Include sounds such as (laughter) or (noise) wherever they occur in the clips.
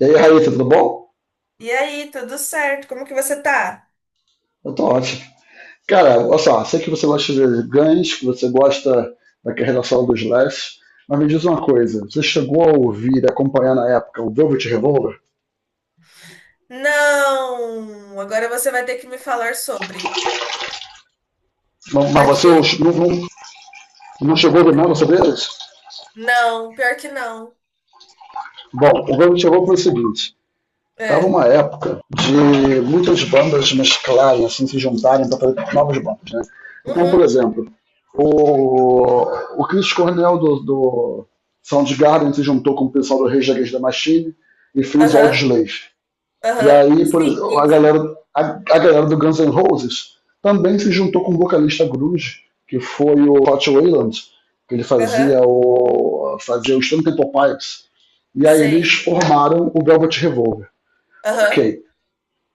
E aí, Raíssa, tudo bom? E aí, tudo certo? Como que você tá? Eu tô ótimo. Cara, olha só, sei que você gosta de ganhos, que você gosta da relação dos Slash, mas me diz uma coisa, você chegou a ouvir e acompanhar na época o Velvet Revolver? Não! Agora você vai ter que me falar sobre. Não, mas você Porque, não, não, não chegou a ouvir nada sobre eles? não, pior que não. Bom, o Velvet Revolver foi o seguinte, tava É. uma época de muitas bandas mesclarem, assim, se juntarem para fazer novas bandas, né? Então, por Uhum, exemplo, o, o Chris Cornell do Soundgarden se juntou com o pessoal do Rage Against the Machine e fez o aham, Audislays. E aham. aí, por Sim, exemplo, a isso. galera, a galera do Guns N' Roses também se juntou com o vocalista grunge, que foi o Scott Wayland, que ele Aham, fazia o Stone Temple Pilots. E aí eles sei. formaram o Velvet Revolver. Aham, Ok.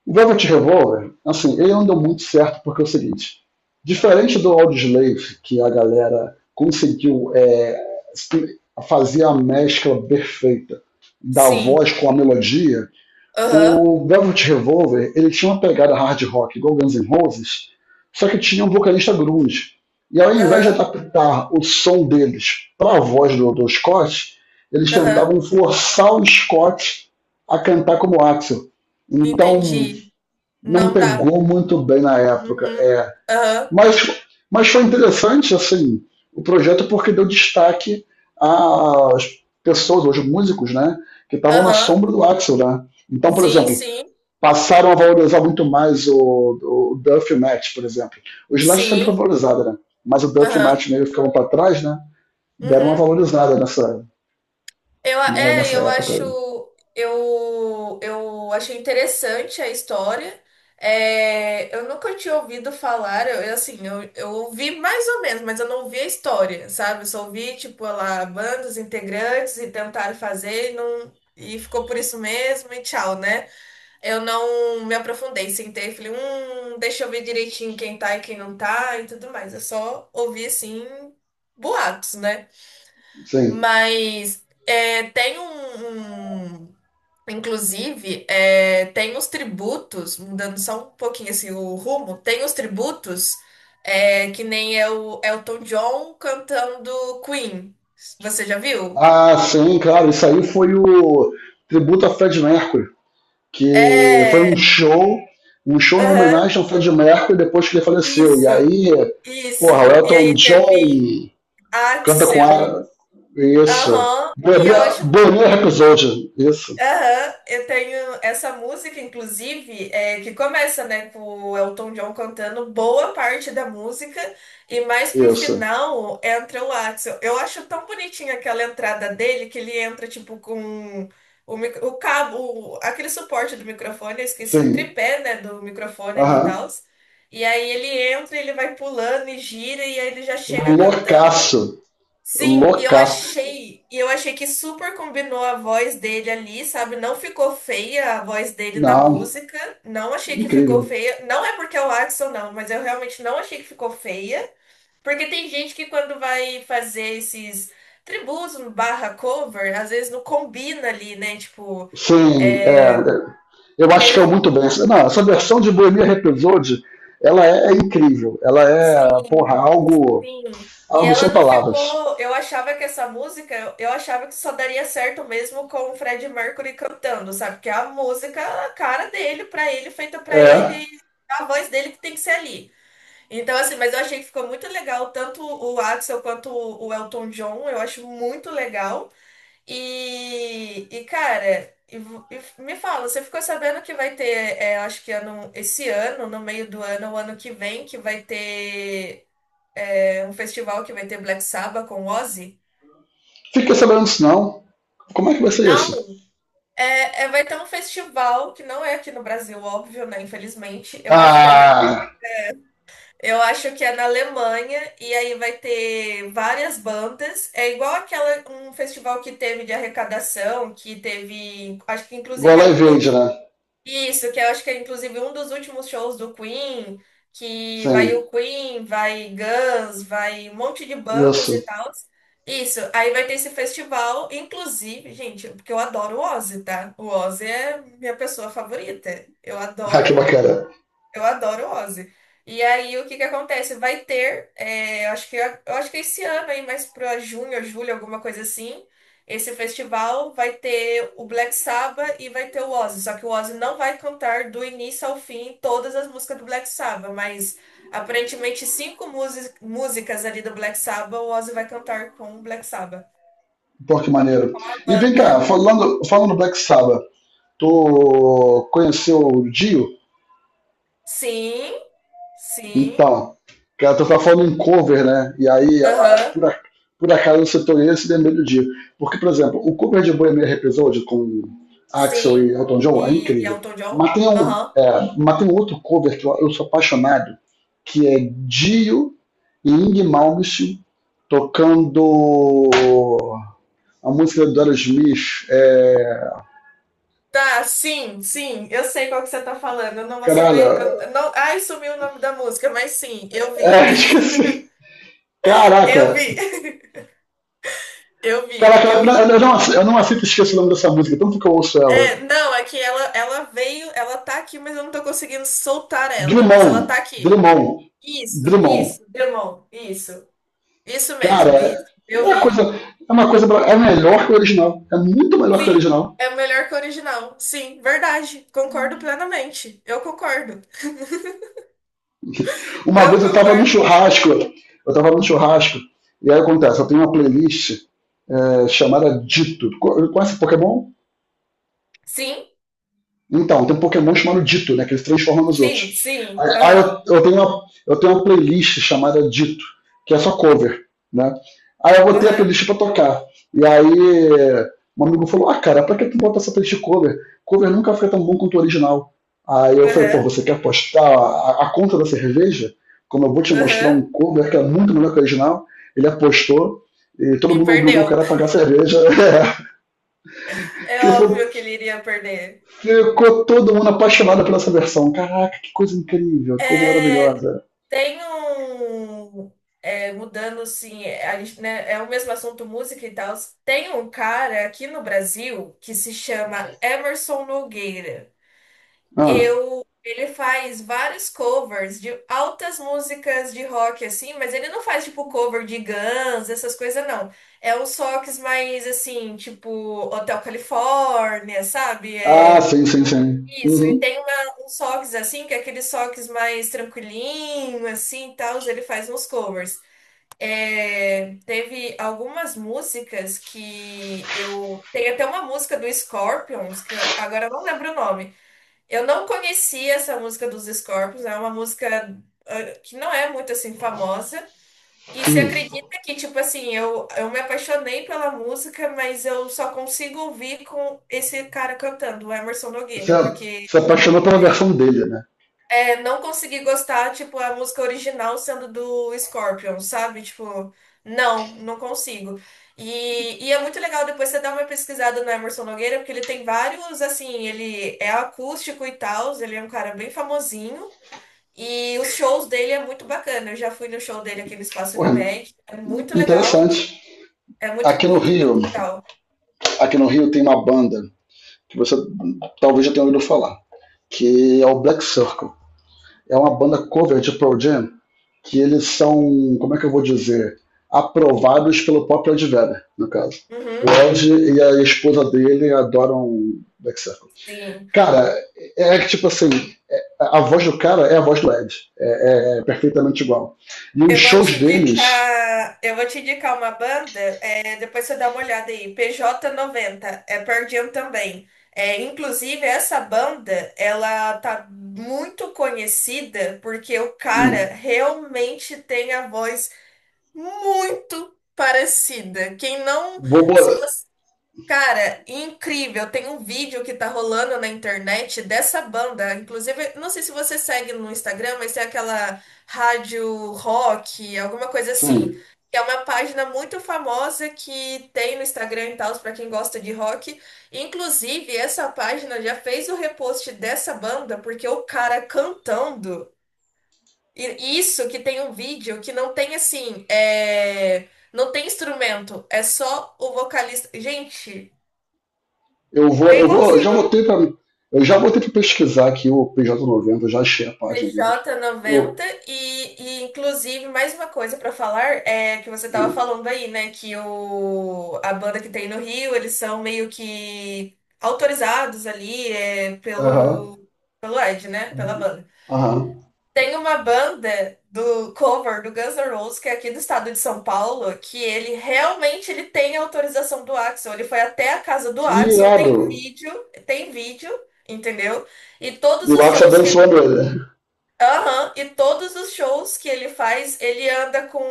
O Velvet Revolver, assim, ele não deu muito certo porque é o seguinte, diferente do Audioslave, que a galera conseguiu fazer a mescla perfeita da sim. voz com a melodia, Aham, o Velvet Revolver, ele tinha uma pegada hard rock igual Guns N' Roses, só que tinha um vocalista grunge. E ao invés de aham, adaptar o som deles para a voz do Scott, eles aham. tentavam forçar o Scott a cantar como Axel. Então, Entendi. não Não dá. pegou muito bem na época. Uhum, aham, mas, mas foi interessante assim o projeto porque deu destaque às pessoas, aos músicos, né, que estavam na aham. sombra do Axel, né? Então, por Sim, exemplo, sim, passaram a valorizar muito mais o Duff Match, por exemplo. O Slash sempre foi sim. valorizado, né? Mas o Duff Aham, Match meio ficavam para trás, né? Deram uma uhum. valorizada nessa, Eu, a- né, é, nessa eu acho, época. eu achei interessante a história. É, eu nunca tinha ouvido falar, eu, assim, eu ouvi mais ou menos, mas eu não ouvi a história, sabe? Eu só ouvi, tipo, lá, bandas, integrantes e tentaram fazer e não, e ficou por isso mesmo e tchau, né? Eu não me aprofundei, sentei e falei, deixa eu ver direitinho quem tá e quem não tá e tudo mais. Eu só ouvi, assim, boatos, né? Sim. Mas é, inclusive, tem os tributos, mudando só um pouquinho assim, o rumo, tem os tributos, que nem é o Elton John cantando Queen. Você já viu? Ah, sim, claro. Isso aí foi o tributo a Fred Mercury, que foi É, um show em aham, homenagem ao Freddie Mercury depois que ele faleceu. E isso, aí, isso. porra, o E Elton aí teve John canta com Axel. a. Isso. Aham, e eu acho Bonilla Episode. Isso, Aham, eu tenho essa música, inclusive, que começa, né, com o Elton John cantando boa parte da música e mais pro isso. final entra o Axl. Eu acho tão bonitinha aquela entrada dele que ele entra, tipo, com o cabo, aquele suporte do microfone, eu esqueci, o Sim. tripé, né, do microfone ali e Aham. tal. E aí ele entra, ele vai pulando e gira e aí ele já chega cantando. Loucaço. Sim, e eu Loucaço. achei, e eu achei que super combinou a voz dele ali, sabe? Não ficou feia a voz dele na Não, música. Não achei que ficou incrível. feia. Não é porque é o Axl, não, mas eu realmente não achei que ficou feia. Porque tem gente que quando vai fazer esses tributos barra cover, às vezes não combina ali, né? Tipo, Sim, é, eu acho que tem é um. muito bem. Não, essa versão de Bohemian Rhapsody, ela é incrível. Ela é, porra, Sim. algo, Sim. E algo ela sem não palavras. ficou. Eu achava que essa música, eu achava que só daria certo mesmo com o Fred Mercury cantando, sabe? Que a música, a cara dele, pra ele, feita pra É, ele, a voz dele que tem que ser ali. Então, assim, mas eu achei que ficou muito legal, tanto o Axel quanto o Elton John, eu acho muito legal. E, cara, e me fala, você ficou sabendo que vai ter, acho que ano, esse ano, no meio do ano, o ano que vem, que vai ter. É um festival que vai ter Black Sabbath com Ozzy? fiquei sabendo disso não. Como é que vai ser Não, isso? Vai ter um festival que não é aqui no Brasil, óbvio, né? Infelizmente. Eu acho que é na, Ah, eu acho que é na Alemanha e aí vai ter várias bandas. É igual aquela um festival que teve de arrecadação, que teve, acho que inclusive igual é a um dos. Evade, né? Isso, que eu acho que é inclusive um dos últimos shows do Queen, que vai o Sim, Queen, vai Guns, vai um monte de bandas e isso. (laughs) tal. Isso, aí vai ter esse festival, inclusive, gente, porque eu adoro o Ozzy, tá? O Ozzy é minha pessoa favorita. Eu Ah, que adoro bacana. Ozzy. E aí, o que que acontece? Vai ter, é, acho que, eu acho que esse ano aí, mais pra junho, julho, alguma coisa assim, esse festival vai ter o Black Sabbath e vai ter o Ozzy. Só que o Ozzy não vai cantar do início ao fim todas as músicas do Black Sabbath, mas aparentemente cinco músicas ali do Black Sabbath, o Ozzy vai cantar com o Black Sabbath. Pô, que maneiro. A E vem cá, banda. Falando do Black Sabbath, tu conheceu o Dio? Sim, sim, Então, cara, tu tá falando em cover, né? E aí, aham, por acaso, eu setorei esse vermelho do Dio. Porque, por exemplo, o cover de Bohemian Rhapsody com Axel sim. e Elton John é E, incrível. Elton Mas John? tem um, Aham. Mas tem um outro cover que eu sou apaixonado, que é Dio e Ing Malmsteen tocando a música do Aerosmith. É... Tá, sim, sim, eu sei qual que você tá falando. Eu não vou Caralho, saber. Eu (laughs) não, ai, sumiu o nome da música, mas sim, eu vi. é, (laughs) esqueci. Eu Caraca, vi. (laughs) Eu vi, caraca, eu vi. Eu não aceito esquecer o nome dessa música, tanto que eu ouço É, ela. não, é que ela veio, ela tá aqui, mas eu não tô conseguindo soltar ela, mas ela tá Drummond, aqui. Drummond, Isso, Drummond. isso, Demon, isso. Isso Cara, mesmo, isso. é Eu uma coisa, vi. é uma coisa, é melhor que o original, é muito melhor que o Sim, original. é melhor que o original. Sim, verdade. Concordo plenamente. Eu concordo. Uma Eu vez eu estava num concordo. churrasco, eu estava num churrasco, e aí acontece, eu tenho uma playlist chamada Dito. Conhece Pokémon? Sim, Então, tem um Pokémon chamado Ditto, né? Que ele se transforma nos sim, outros. sim. Aí Aham, eu tenho uma playlist chamada Ditto, que é só cover, né? Aí eu botei a aham, playlist pra tocar. E aí um amigo falou, ah, cara, pra que tu bota essa playlist cover? Cover nunca foi tão bom quanto o original. Aí eu falei, pô, aham. você quer postar a conta da cerveja? Como eu vou te mostrar um Aham, cover que é muito melhor que o original, ele apostou e todo e mundo obrigou o perdeu. cara a pagar a cerveja. (laughs) É Ele falou, óbvio que ele iria perder. ficou todo mundo apaixonado pela essa versão. Caraca, que coisa incrível, que coisa É, maravilhosa. tem um. Mudando, assim, a gente, né, é o mesmo assunto, música e tal. Tem um cara aqui no Brasil que se chama Emerson Nogueira. Ah, Ele faz vários covers de altas músicas de rock, assim, mas ele não faz, tipo, cover de Guns, essas coisas, não. É uns rocks mais, assim, tipo, Hotel California, sabe? ah sim, sim, sim. Isso, e Uhum, tem uns socks assim, que é aqueles socks mais tranquilinho, assim, e tal, ele faz uns covers. É, teve algumas músicas que eu... Tem até uma música do Scorpions, agora eu não lembro o nome. Eu não conhecia essa música dos Scorpions, é uma música que não é muito, assim, famosa. E você uhum. acredita que, tipo assim, eu me apaixonei pela música, mas eu só consigo ouvir com esse cara cantando, o Emerson Você Nogueira, porque... se apaixonou pela versão dele, né? É não consegui gostar, tipo, a música original sendo do Scorpion, sabe? Tipo, não, não consigo. E, é muito legal depois você dar uma pesquisada no Emerson Nogueira, porque ele tem vários, assim, ele é acústico e tal, ele é um cara bem famosinho. E os shows dele é muito bacana. Eu já fui no show dele aqui no Espaço Porra, Unimed. É muito legal. interessante. É muito, Aqui no muito, muito Rio, legal. aqui no Rio tem uma banda que você talvez já tenha ouvido falar, que é o Black Circle. É uma banda cover de Pearl Jam, que eles são, como é que eu vou dizer, aprovados pelo próprio Ed Vedder, no caso. O Uhum, Ed e a esposa dele adoram Black Circle. sim. Cara, é que tipo assim, a voz do cara é a voz do Ed. É perfeitamente igual. E os Eu vou te shows deles, indicar, eu vou te indicar uma banda, é, depois você dá uma olhada aí, PJ90 é Pearl Jam também. É, inclusive, essa banda, ela tá muito conhecida porque o hum, cara realmente tem a voz muito parecida. Quem não, vou, se você. Cara, incrível! Tem um vídeo que tá rolando na internet dessa banda. Inclusive, não sei se você segue no Instagram, mas tem aquela rádio rock, alguma coisa assim. sim, Que é uma página muito famosa que tem no Instagram e tal, pra quem gosta de rock. Inclusive, essa página já fez o repost dessa banda, porque o cara cantando. E isso que tem um vídeo que não tem assim. É... Não tem instrumento, é só o vocalista. Gente. É eu vou, igualzinho. Eu já voltei para pesquisar aqui o PJ90, eu já achei a página deles. pj Eu, noventa e inclusive mais uma coisa pra falar é que você hum, tava falando aí, né, que o a banda que tem no Rio, eles são meio que autorizados ali é, aham, pelo Ed, né, pela banda. aham. Tem uma banda do cover do Guns N' Roses que é aqui do estado de São Paulo, que ele realmente ele tem autorização do Axl, ele foi até a casa do Que Axl, irado. Tem vídeo, entendeu? E E todos o os Axel shows que abençoando ele. Aham, e todos os shows que ele faz, ele anda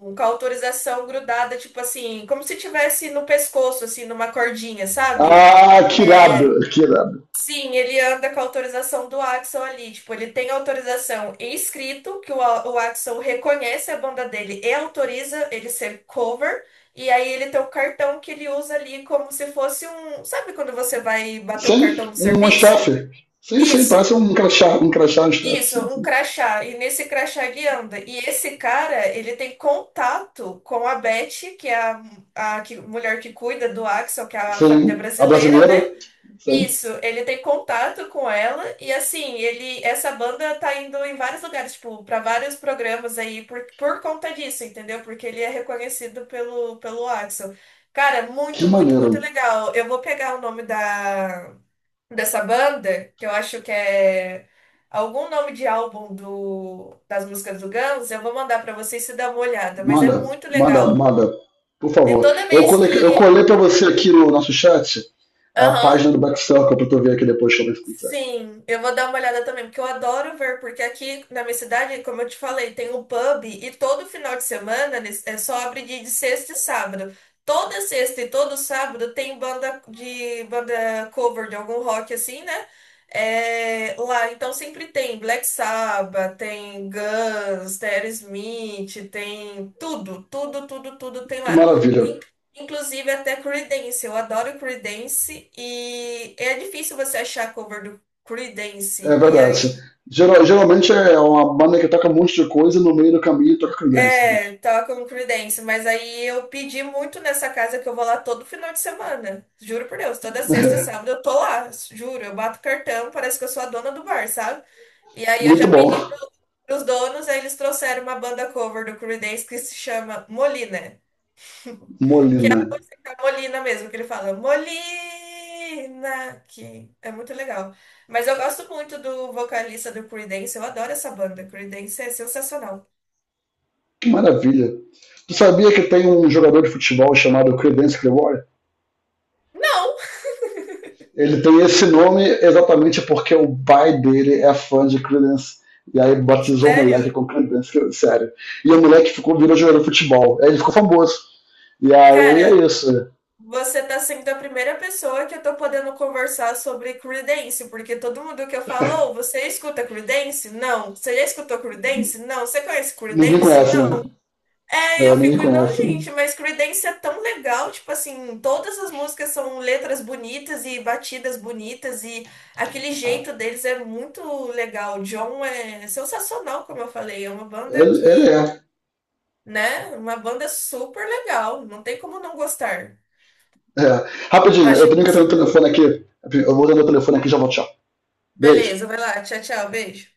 com a autorização grudada, tipo assim, como se tivesse no pescoço, assim, numa cordinha, sabe? Ah, que irado, que irado. Sim, ele anda com a autorização do Axl ali, tipo, ele tem autorização em escrito, que o, o Axl reconhece a banda dele e autoriza ele ser cover, e aí ele tem o cartão que ele usa ali como se fosse um, sabe quando você vai bater um Sim, cartão do um staff. serviço? Sim, sim, parece Isso. um crachá, um crachá, um staff. Isso, um crachá. E nesse crachá ele anda. E esse cara, ele tem contato com a Beth, que é a mulher que cuida do Axel, que é a Sim, família a brasileira, brasileira. né? Sim. Isso, ele tem contato com ela e assim, ele essa banda tá indo em vários lugares, tipo, para vários programas aí por conta disso, entendeu? Porque ele é reconhecido pelo Axel. Cara, Que muito, muito, maneiro. muito legal. Eu vou pegar o nome da dessa banda, que eu acho que é algum nome de álbum das músicas do Guns, eu vou mandar pra vocês se dar uma olhada, mas é Manda, muito manda, legal. manda. Por E favor. toda vez que, Eu colei para você aqui no nosso chat a aham, página do Back Circle pra tu ver aqui depois também se quiser. sim, eu vou dar uma olhada também, porque eu adoro ver, porque aqui na minha cidade, como eu te falei, tem um pub e todo final de semana é só abre de, sexta e sábado. Toda sexta e todo sábado tem banda de banda cover de algum rock assim, né? É, lá, então sempre tem Black Sabbath, tem Guns, tem Aerosmith, tem tudo, tudo, tudo, tudo tem Que lá. maravilha. Inclusive até Creedence, eu adoro Creedence e é difícil você achar cover do Creedence. É E aí, verdade. Geralmente é uma banda que toca um monte de coisa e no meio do caminho toca credência junto. é, toca um Creedence, mas aí eu pedi muito nessa casa que eu vou lá todo final de semana. Juro por Deus, toda sexta e sábado eu tô lá, juro, eu bato cartão, parece que eu sou a dona do bar, sabe? E aí eu Muito já bom. pedi pros donos, aí eles trouxeram uma banda cover do Creedence que se chama Molina. (laughs) É Molina. a Molina mesmo, que ele fala, Molina, que é muito legal. Mas eu gosto muito do vocalista do Creedence, eu adoro essa banda. Creedence é sensacional. Que maravilha. Tu sabia que tem um jogador de futebol chamado Credence Clearwater? Não, Ele tem esse nome exatamente porque o pai dele é fã de Creedence. E aí batizou o moleque sério? com Creedence, sério. E o moleque ficou, virou jogador de futebol. Aí ele ficou famoso. E aí Cara, é isso. você tá sendo a primeira pessoa que eu tô podendo conversar sobre Creedence, porque todo mundo que eu falo, "Oh, você escuta Creedence? Não. Você já escutou Creedence? Não. Você conhece Ninguém Creedence? conhece, né? Não. É, e É, eu ninguém fico, não, conhece. gente, mas Creedence é tão legal, tipo assim, todas as músicas são letras bonitas e batidas bonitas e aquele jeito deles é muito legal. O John é sensacional, como eu falei, é uma banda Ele que, é. né, uma banda super legal, não tem como não gostar. É. Rapidinho, Acho eu tenho que atender o impossível. telefone aqui. Eu vou atender o telefone aqui e já volto, tchau. Beijo. Beleza, vai lá, tchau, tchau, beijo.